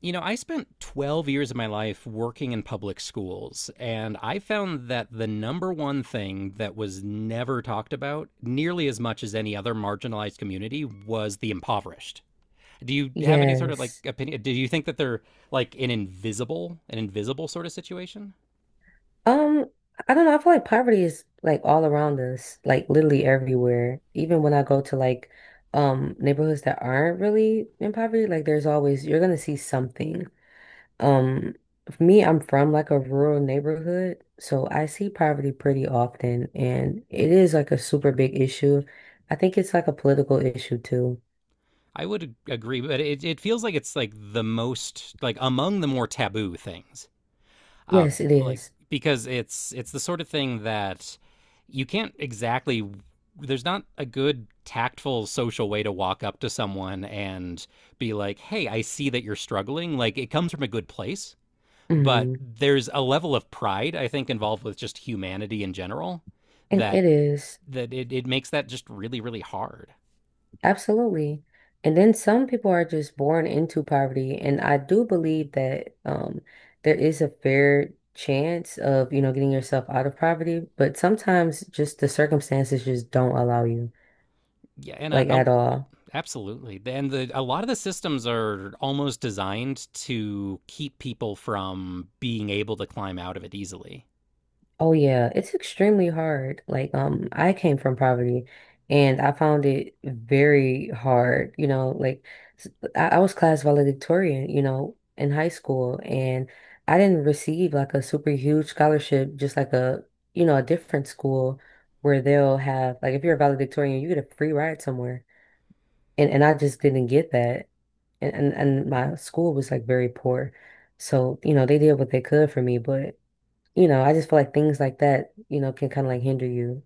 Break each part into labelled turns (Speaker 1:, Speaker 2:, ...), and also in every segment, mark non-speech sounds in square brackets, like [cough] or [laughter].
Speaker 1: You know, I spent 12 years of my life working in public schools, and I found that the number one thing that was never talked about, nearly as much as any other marginalized community, was the impoverished. Do you have any sort of like
Speaker 2: Yes.
Speaker 1: opinion? Do you think that they're like an invisible sort of situation?
Speaker 2: Um, I don't know. I feel like poverty is like all around us, like literally everywhere. Even when I go to like neighborhoods that aren't really in poverty, like there's always you're gonna see something. Um, for me, I'm from like a rural neighborhood, so I see poverty pretty often, and it is like a super big issue. I think it's like a political issue too.
Speaker 1: I would agree, but it feels like it's like the most, like among the more taboo things. uh,
Speaker 2: Yes, it
Speaker 1: like
Speaker 2: is.
Speaker 1: because it's the sort of thing that you can't exactly. There's not a good tactful social way to walk up to someone and be like, "Hey, I see that you're struggling." Like it comes from a good place, but
Speaker 2: Mhm.
Speaker 1: there's a level of pride I think involved with just humanity in general
Speaker 2: And
Speaker 1: that
Speaker 2: it is.
Speaker 1: that it makes that just really really hard.
Speaker 2: Absolutely. And then some people are just born into poverty. And I do believe that there is a fair chance of, you know, getting yourself out of poverty, but sometimes just the circumstances just don't allow you,
Speaker 1: Yeah, and
Speaker 2: like
Speaker 1: a
Speaker 2: at all.
Speaker 1: Absolutely. And the a lot of the systems are almost designed to keep people from being able to climb out of it easily.
Speaker 2: Oh yeah, it's extremely hard. Like, I came from poverty and I found it very hard, you know, like s- I was class valedictorian, you know, in high school and I didn't receive like a super huge scholarship, just like a, you know, a different school where they'll have like if you're a valedictorian, you get a free ride somewhere. And I just didn't get that. And my school was like very poor. So, you know, they did what they could for me, but you know, I just feel like things like that, you know, can kind of like hinder you.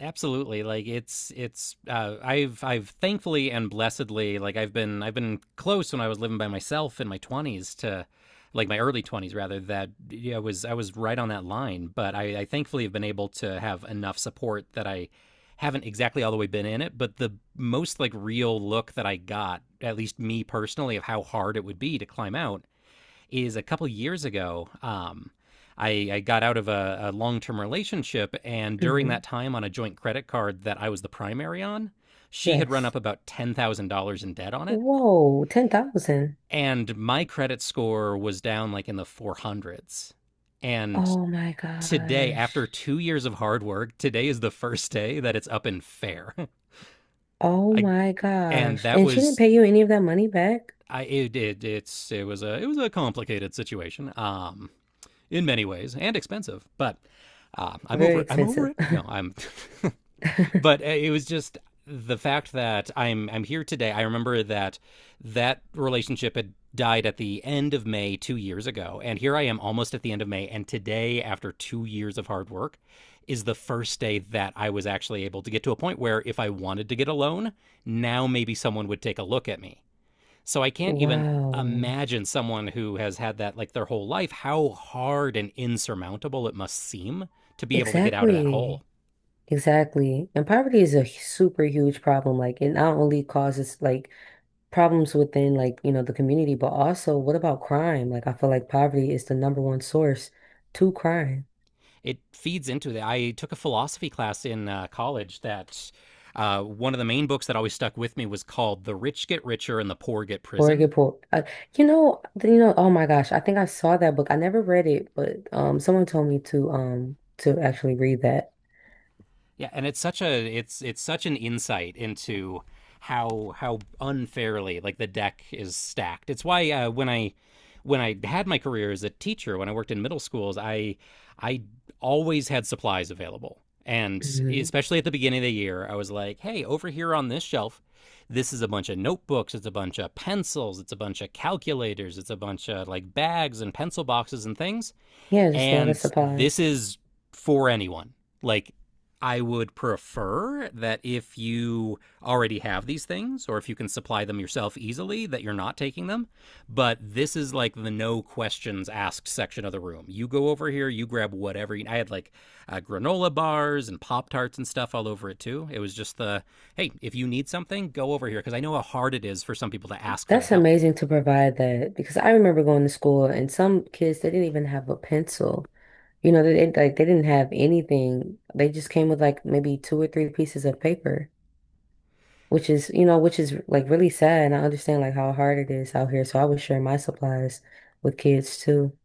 Speaker 1: Absolutely. Like it's I've thankfully and blessedly like I've been close when I was living by myself in my 20s to like my early 20s rather. That Yeah, I was right on that line, but I thankfully have been able to have enough support that I haven't exactly all the way been in it, but the most like real look that I got, at least me personally, of how hard it would be to climb out is a couple years ago. I got out of a long term relationship, and during that
Speaker 2: Hmm.
Speaker 1: time, on a joint credit card that I was the primary on, she had run
Speaker 2: Yes.
Speaker 1: up about $10,000 in debt on it,
Speaker 2: Whoa, 10,000.
Speaker 1: and my credit score was down like in the four hundreds. And
Speaker 2: Oh my
Speaker 1: today, after
Speaker 2: gosh.
Speaker 1: 2 years of hard work, today is the first day that it's up and fair. [laughs]
Speaker 2: Oh
Speaker 1: I
Speaker 2: my
Speaker 1: and
Speaker 2: gosh.
Speaker 1: that
Speaker 2: And she didn't
Speaker 1: was
Speaker 2: pay you any of that money back?
Speaker 1: I It it was a complicated situation. In many ways and expensive, but I'm
Speaker 2: Very
Speaker 1: over it. I'm over
Speaker 2: expensive.
Speaker 1: it. No, I'm. [laughs] but
Speaker 2: [laughs]
Speaker 1: uh, it was just the fact that I'm here today. I remember that that relationship had died at the end of May 2 years ago, and here I am almost at the end of May, and today, after 2 years of hard work, is the first day that I was actually able to get to a point where if I wanted to get a loan, now maybe someone would take a look at me. So I can't even
Speaker 2: Wow.
Speaker 1: imagine someone who has had that like their whole life, how hard and insurmountable it must seem to be able to get out of that hole.
Speaker 2: Exactly. Exactly. And poverty is a super huge problem. Like it not only causes like problems within like, you know, the community, but also what about crime? Like I feel like poverty is the number one source to crime.
Speaker 1: It feeds into that. I took a philosophy class in college that one of the main books that always stuck with me was called The Rich Get Richer and the Poor Get Prison.
Speaker 2: Horrible. You know, you know. Oh my gosh, I think I saw that book. I never read it, but someone told me to actually read that.
Speaker 1: Yeah, and it's such a it's such an insight into how unfairly like the deck is stacked. It's why when I had my career as a teacher, when I worked in middle schools, I always had supplies available. And
Speaker 2: Hmm.
Speaker 1: especially at the beginning of the year, I was like, hey, over here on this shelf, this is a bunch of notebooks, it's a bunch of pencils, it's a bunch of calculators, it's a bunch of like bags and pencil boxes and things.
Speaker 2: Yeah, just a lot of
Speaker 1: And this
Speaker 2: supplies.
Speaker 1: is for anyone. Like, I would prefer that if you already have these things or if you can supply them yourself easily, that you're not taking them. But this is like the no questions asked section of the room. You go over here, you grab whatever. I had like granola bars and Pop Tarts and stuff all over it too. It was just the hey, if you need something, go over here. Because I know how hard it is for some people to ask for that
Speaker 2: That's
Speaker 1: help.
Speaker 2: amazing to provide that because I remember going to school and some kids they didn't even have a pencil. You know, they didn't like they didn't have anything. They just came with like maybe two or three pieces of paper, which is, you know, which is like really sad. And I understand like how hard it is out here. So I would share my supplies with kids too.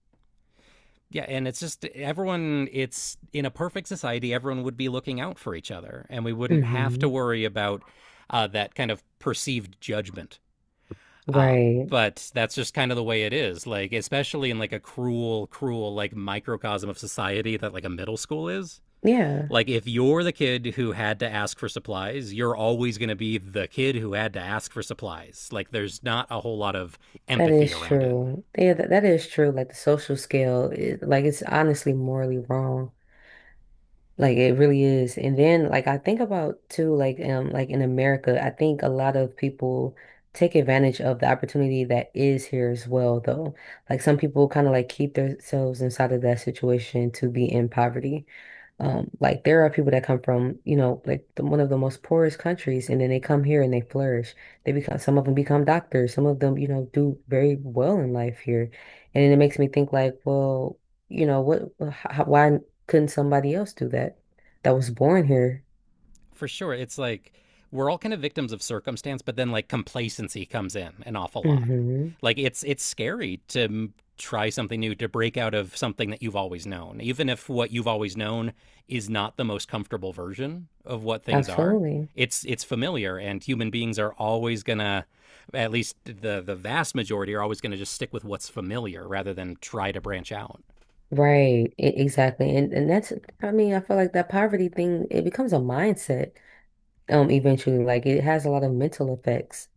Speaker 1: Yeah, and it's just everyone, it's in a perfect society, everyone would be looking out for each other, and we wouldn't have to
Speaker 2: Hmm.
Speaker 1: worry about that kind of perceived judgment.
Speaker 2: Right.
Speaker 1: But that's just kind of the way it is. Like, especially in like a cruel, cruel, like microcosm of society that like a middle school is.
Speaker 2: Yeah,
Speaker 1: Like, if you're the kid who had to ask for supplies, you're always going to be the kid who had to ask for supplies. Like, there's not a whole lot of
Speaker 2: that
Speaker 1: empathy
Speaker 2: is
Speaker 1: around it.
Speaker 2: true. Yeah, that is true. Like the social scale is like it's honestly morally wrong. Like it really is. And then like I think about too, like in America, I think a lot of people take advantage of the opportunity that is here as well though. Like some people kind of like keep themselves inside of that situation to be in poverty. Like there are people that come from, you know, like the, one of the most poorest countries, and then they come here and they flourish. They become some of them become doctors, some of them, you know, do very well in life here, and then it makes me think like, well, you know, what, how, why couldn't somebody else do that? That was born here.
Speaker 1: For sure. It's like we're all kind of victims of circumstance, but then like complacency comes in an awful lot.
Speaker 2: Mm-hmm.
Speaker 1: Like it's scary to try something new, to break out of something that you've always known, even if what you've always known is not the most comfortable version of what things are.
Speaker 2: Absolutely.
Speaker 1: It's familiar, and human beings are always gonna, at least the vast majority are always gonna just stick with what's familiar rather than try to branch out
Speaker 2: Right, exactly. And that's I mean, I feel like that poverty thing, it becomes a mindset eventually. Like it has a lot of mental effects.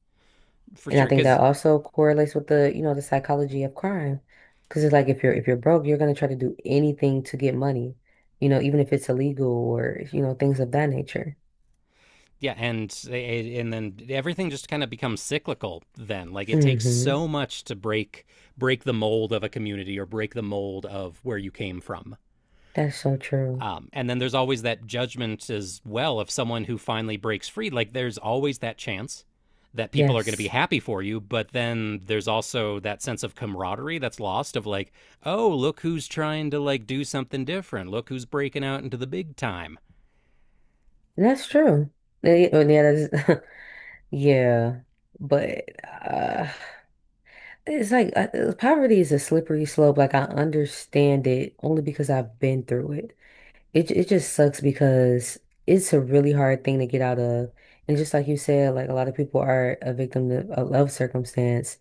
Speaker 1: for
Speaker 2: And I
Speaker 1: sure.
Speaker 2: think that
Speaker 1: Because
Speaker 2: also correlates with the, you know, the psychology of crime. Because it's like if you're broke, you're gonna try to do anything to get money, you know, even if it's illegal or, you know, things of that nature.
Speaker 1: Yeah, and then everything just kind of becomes cyclical. Then, like it takes
Speaker 2: Hmm.
Speaker 1: so much to break break the mold of a community or break the mold of where you came from.
Speaker 2: That's so true.
Speaker 1: And then there's always that judgment as well of someone who finally breaks free. Like there's always that chance that people are going to be
Speaker 2: Yes.
Speaker 1: happy for you, but then there's also that sense of camaraderie that's lost of like, oh, look who's trying to like do something different. Look who's breaking out into the big time.
Speaker 2: That's true. Yeah, yeah, yeah, [laughs] yeah. But it's like poverty is a slippery slope. Like I understand it only because I've been through it. It just sucks because it's a really hard thing to get out of. And just like you said, like a lot of people are a victim of love circumstance.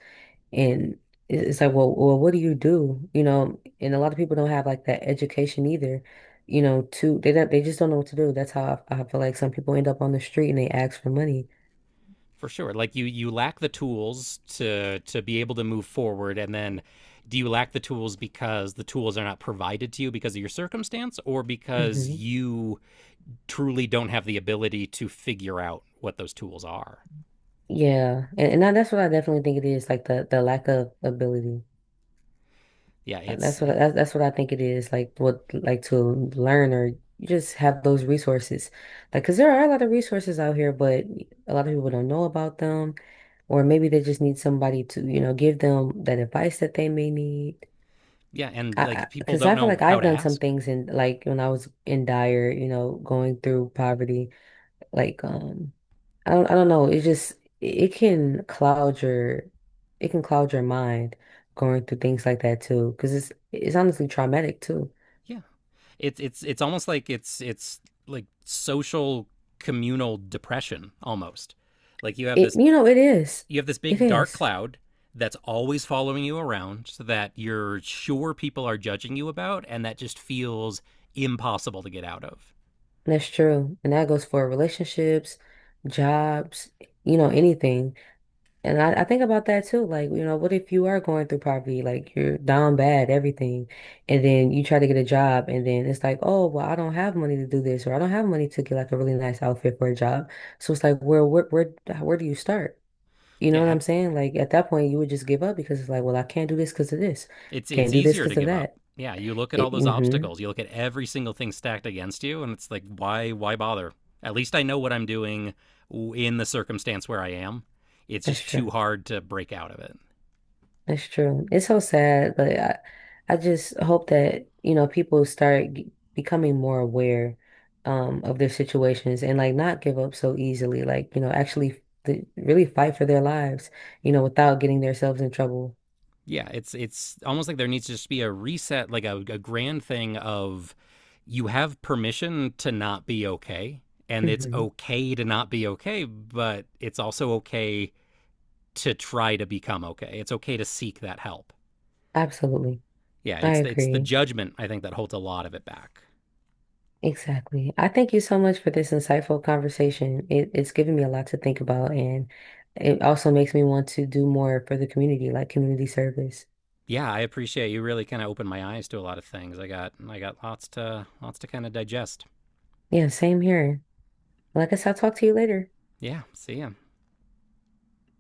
Speaker 2: And it's like, well, well, what do? You know, and a lot of people don't have like that education either. You know, to they don't they just don't know what to do. That's how I feel like some people end up on the street and they ask for money.
Speaker 1: For sure. Like you lack the tools to be able to move forward, and then do you lack the tools because the tools are not provided to you because of your circumstance, or because
Speaker 2: Hmm.
Speaker 1: you truly don't have the ability to figure out what those tools are?
Speaker 2: Yeah. And that's what I definitely think it is, like the lack of ability.
Speaker 1: Yeah,
Speaker 2: That's what
Speaker 1: it's
Speaker 2: that's what I think it is. Like what like to learn or you just have those resources. Like, because there are a lot of resources out here, but a lot of people don't know about them, or maybe they just need somebody to, you know, give them that advice that they may need.
Speaker 1: Yeah, and like people
Speaker 2: Because
Speaker 1: don't
Speaker 2: I feel
Speaker 1: know
Speaker 2: like
Speaker 1: how
Speaker 2: I've
Speaker 1: to
Speaker 2: done some
Speaker 1: ask.
Speaker 2: things in like when I was in dire, you know, going through poverty, like I don't know. It just it can cloud your it can cloud your mind going through things like that too. Because it's honestly traumatic too.
Speaker 1: Yeah. It's almost like it's like social communal depression almost. Like
Speaker 2: It you know, it is.
Speaker 1: you have this
Speaker 2: It
Speaker 1: big dark
Speaker 2: is.
Speaker 1: cloud that's always following you around so that you're sure people are judging you about, and that just feels impossible to get out of.
Speaker 2: That's true. And that goes for relationships, jobs, you know, anything. And I think about that too. Like, you know, what if you are going through poverty? Like, you're down bad, everything. And then you try to get a job, and then it's like, oh, well, I don't have money to do this, or I don't have money to get like a really nice outfit for a job. So it's like, where do you start? You know
Speaker 1: Yeah,
Speaker 2: what
Speaker 1: and
Speaker 2: I'm saying? Like, at that point, you would just give up because it's like, well, I can't do this because of this.
Speaker 1: it's
Speaker 2: Can't do this
Speaker 1: easier to
Speaker 2: because of
Speaker 1: give up.
Speaker 2: that.
Speaker 1: Yeah, you look at all
Speaker 2: It,
Speaker 1: those
Speaker 2: mm-hmm,
Speaker 1: obstacles, you look at every single thing stacked against you and it's like why bother? At least I know what I'm doing in the circumstance where I am. It's
Speaker 2: that's
Speaker 1: just
Speaker 2: true.
Speaker 1: too hard to break out of it.
Speaker 2: That's true. It's so sad, but I just hope that, you know, people start becoming more aware of their situations and like not give up so easily. Like, you know, actually th really fight for their lives, you know, without getting themselves in trouble.
Speaker 1: Yeah, it's almost like there needs to just be a reset, like a grand thing of you have permission to not be okay, and it's
Speaker 2: Hmm.
Speaker 1: okay to not be okay, but it's also okay to try to become okay. It's okay to seek that help.
Speaker 2: Absolutely.
Speaker 1: Yeah,
Speaker 2: I
Speaker 1: it's the
Speaker 2: agree.
Speaker 1: judgment I think that holds a lot of it back.
Speaker 2: Exactly. I thank you so much for this insightful conversation. It's given me a lot to think about and it also makes me want to do more for the community, like community service.
Speaker 1: Yeah, I appreciate you really kind of opened my eyes to a lot of things. I got lots to kind of digest.
Speaker 2: Yeah, same here. Like I guess I'll talk to you later.
Speaker 1: Yeah, see ya.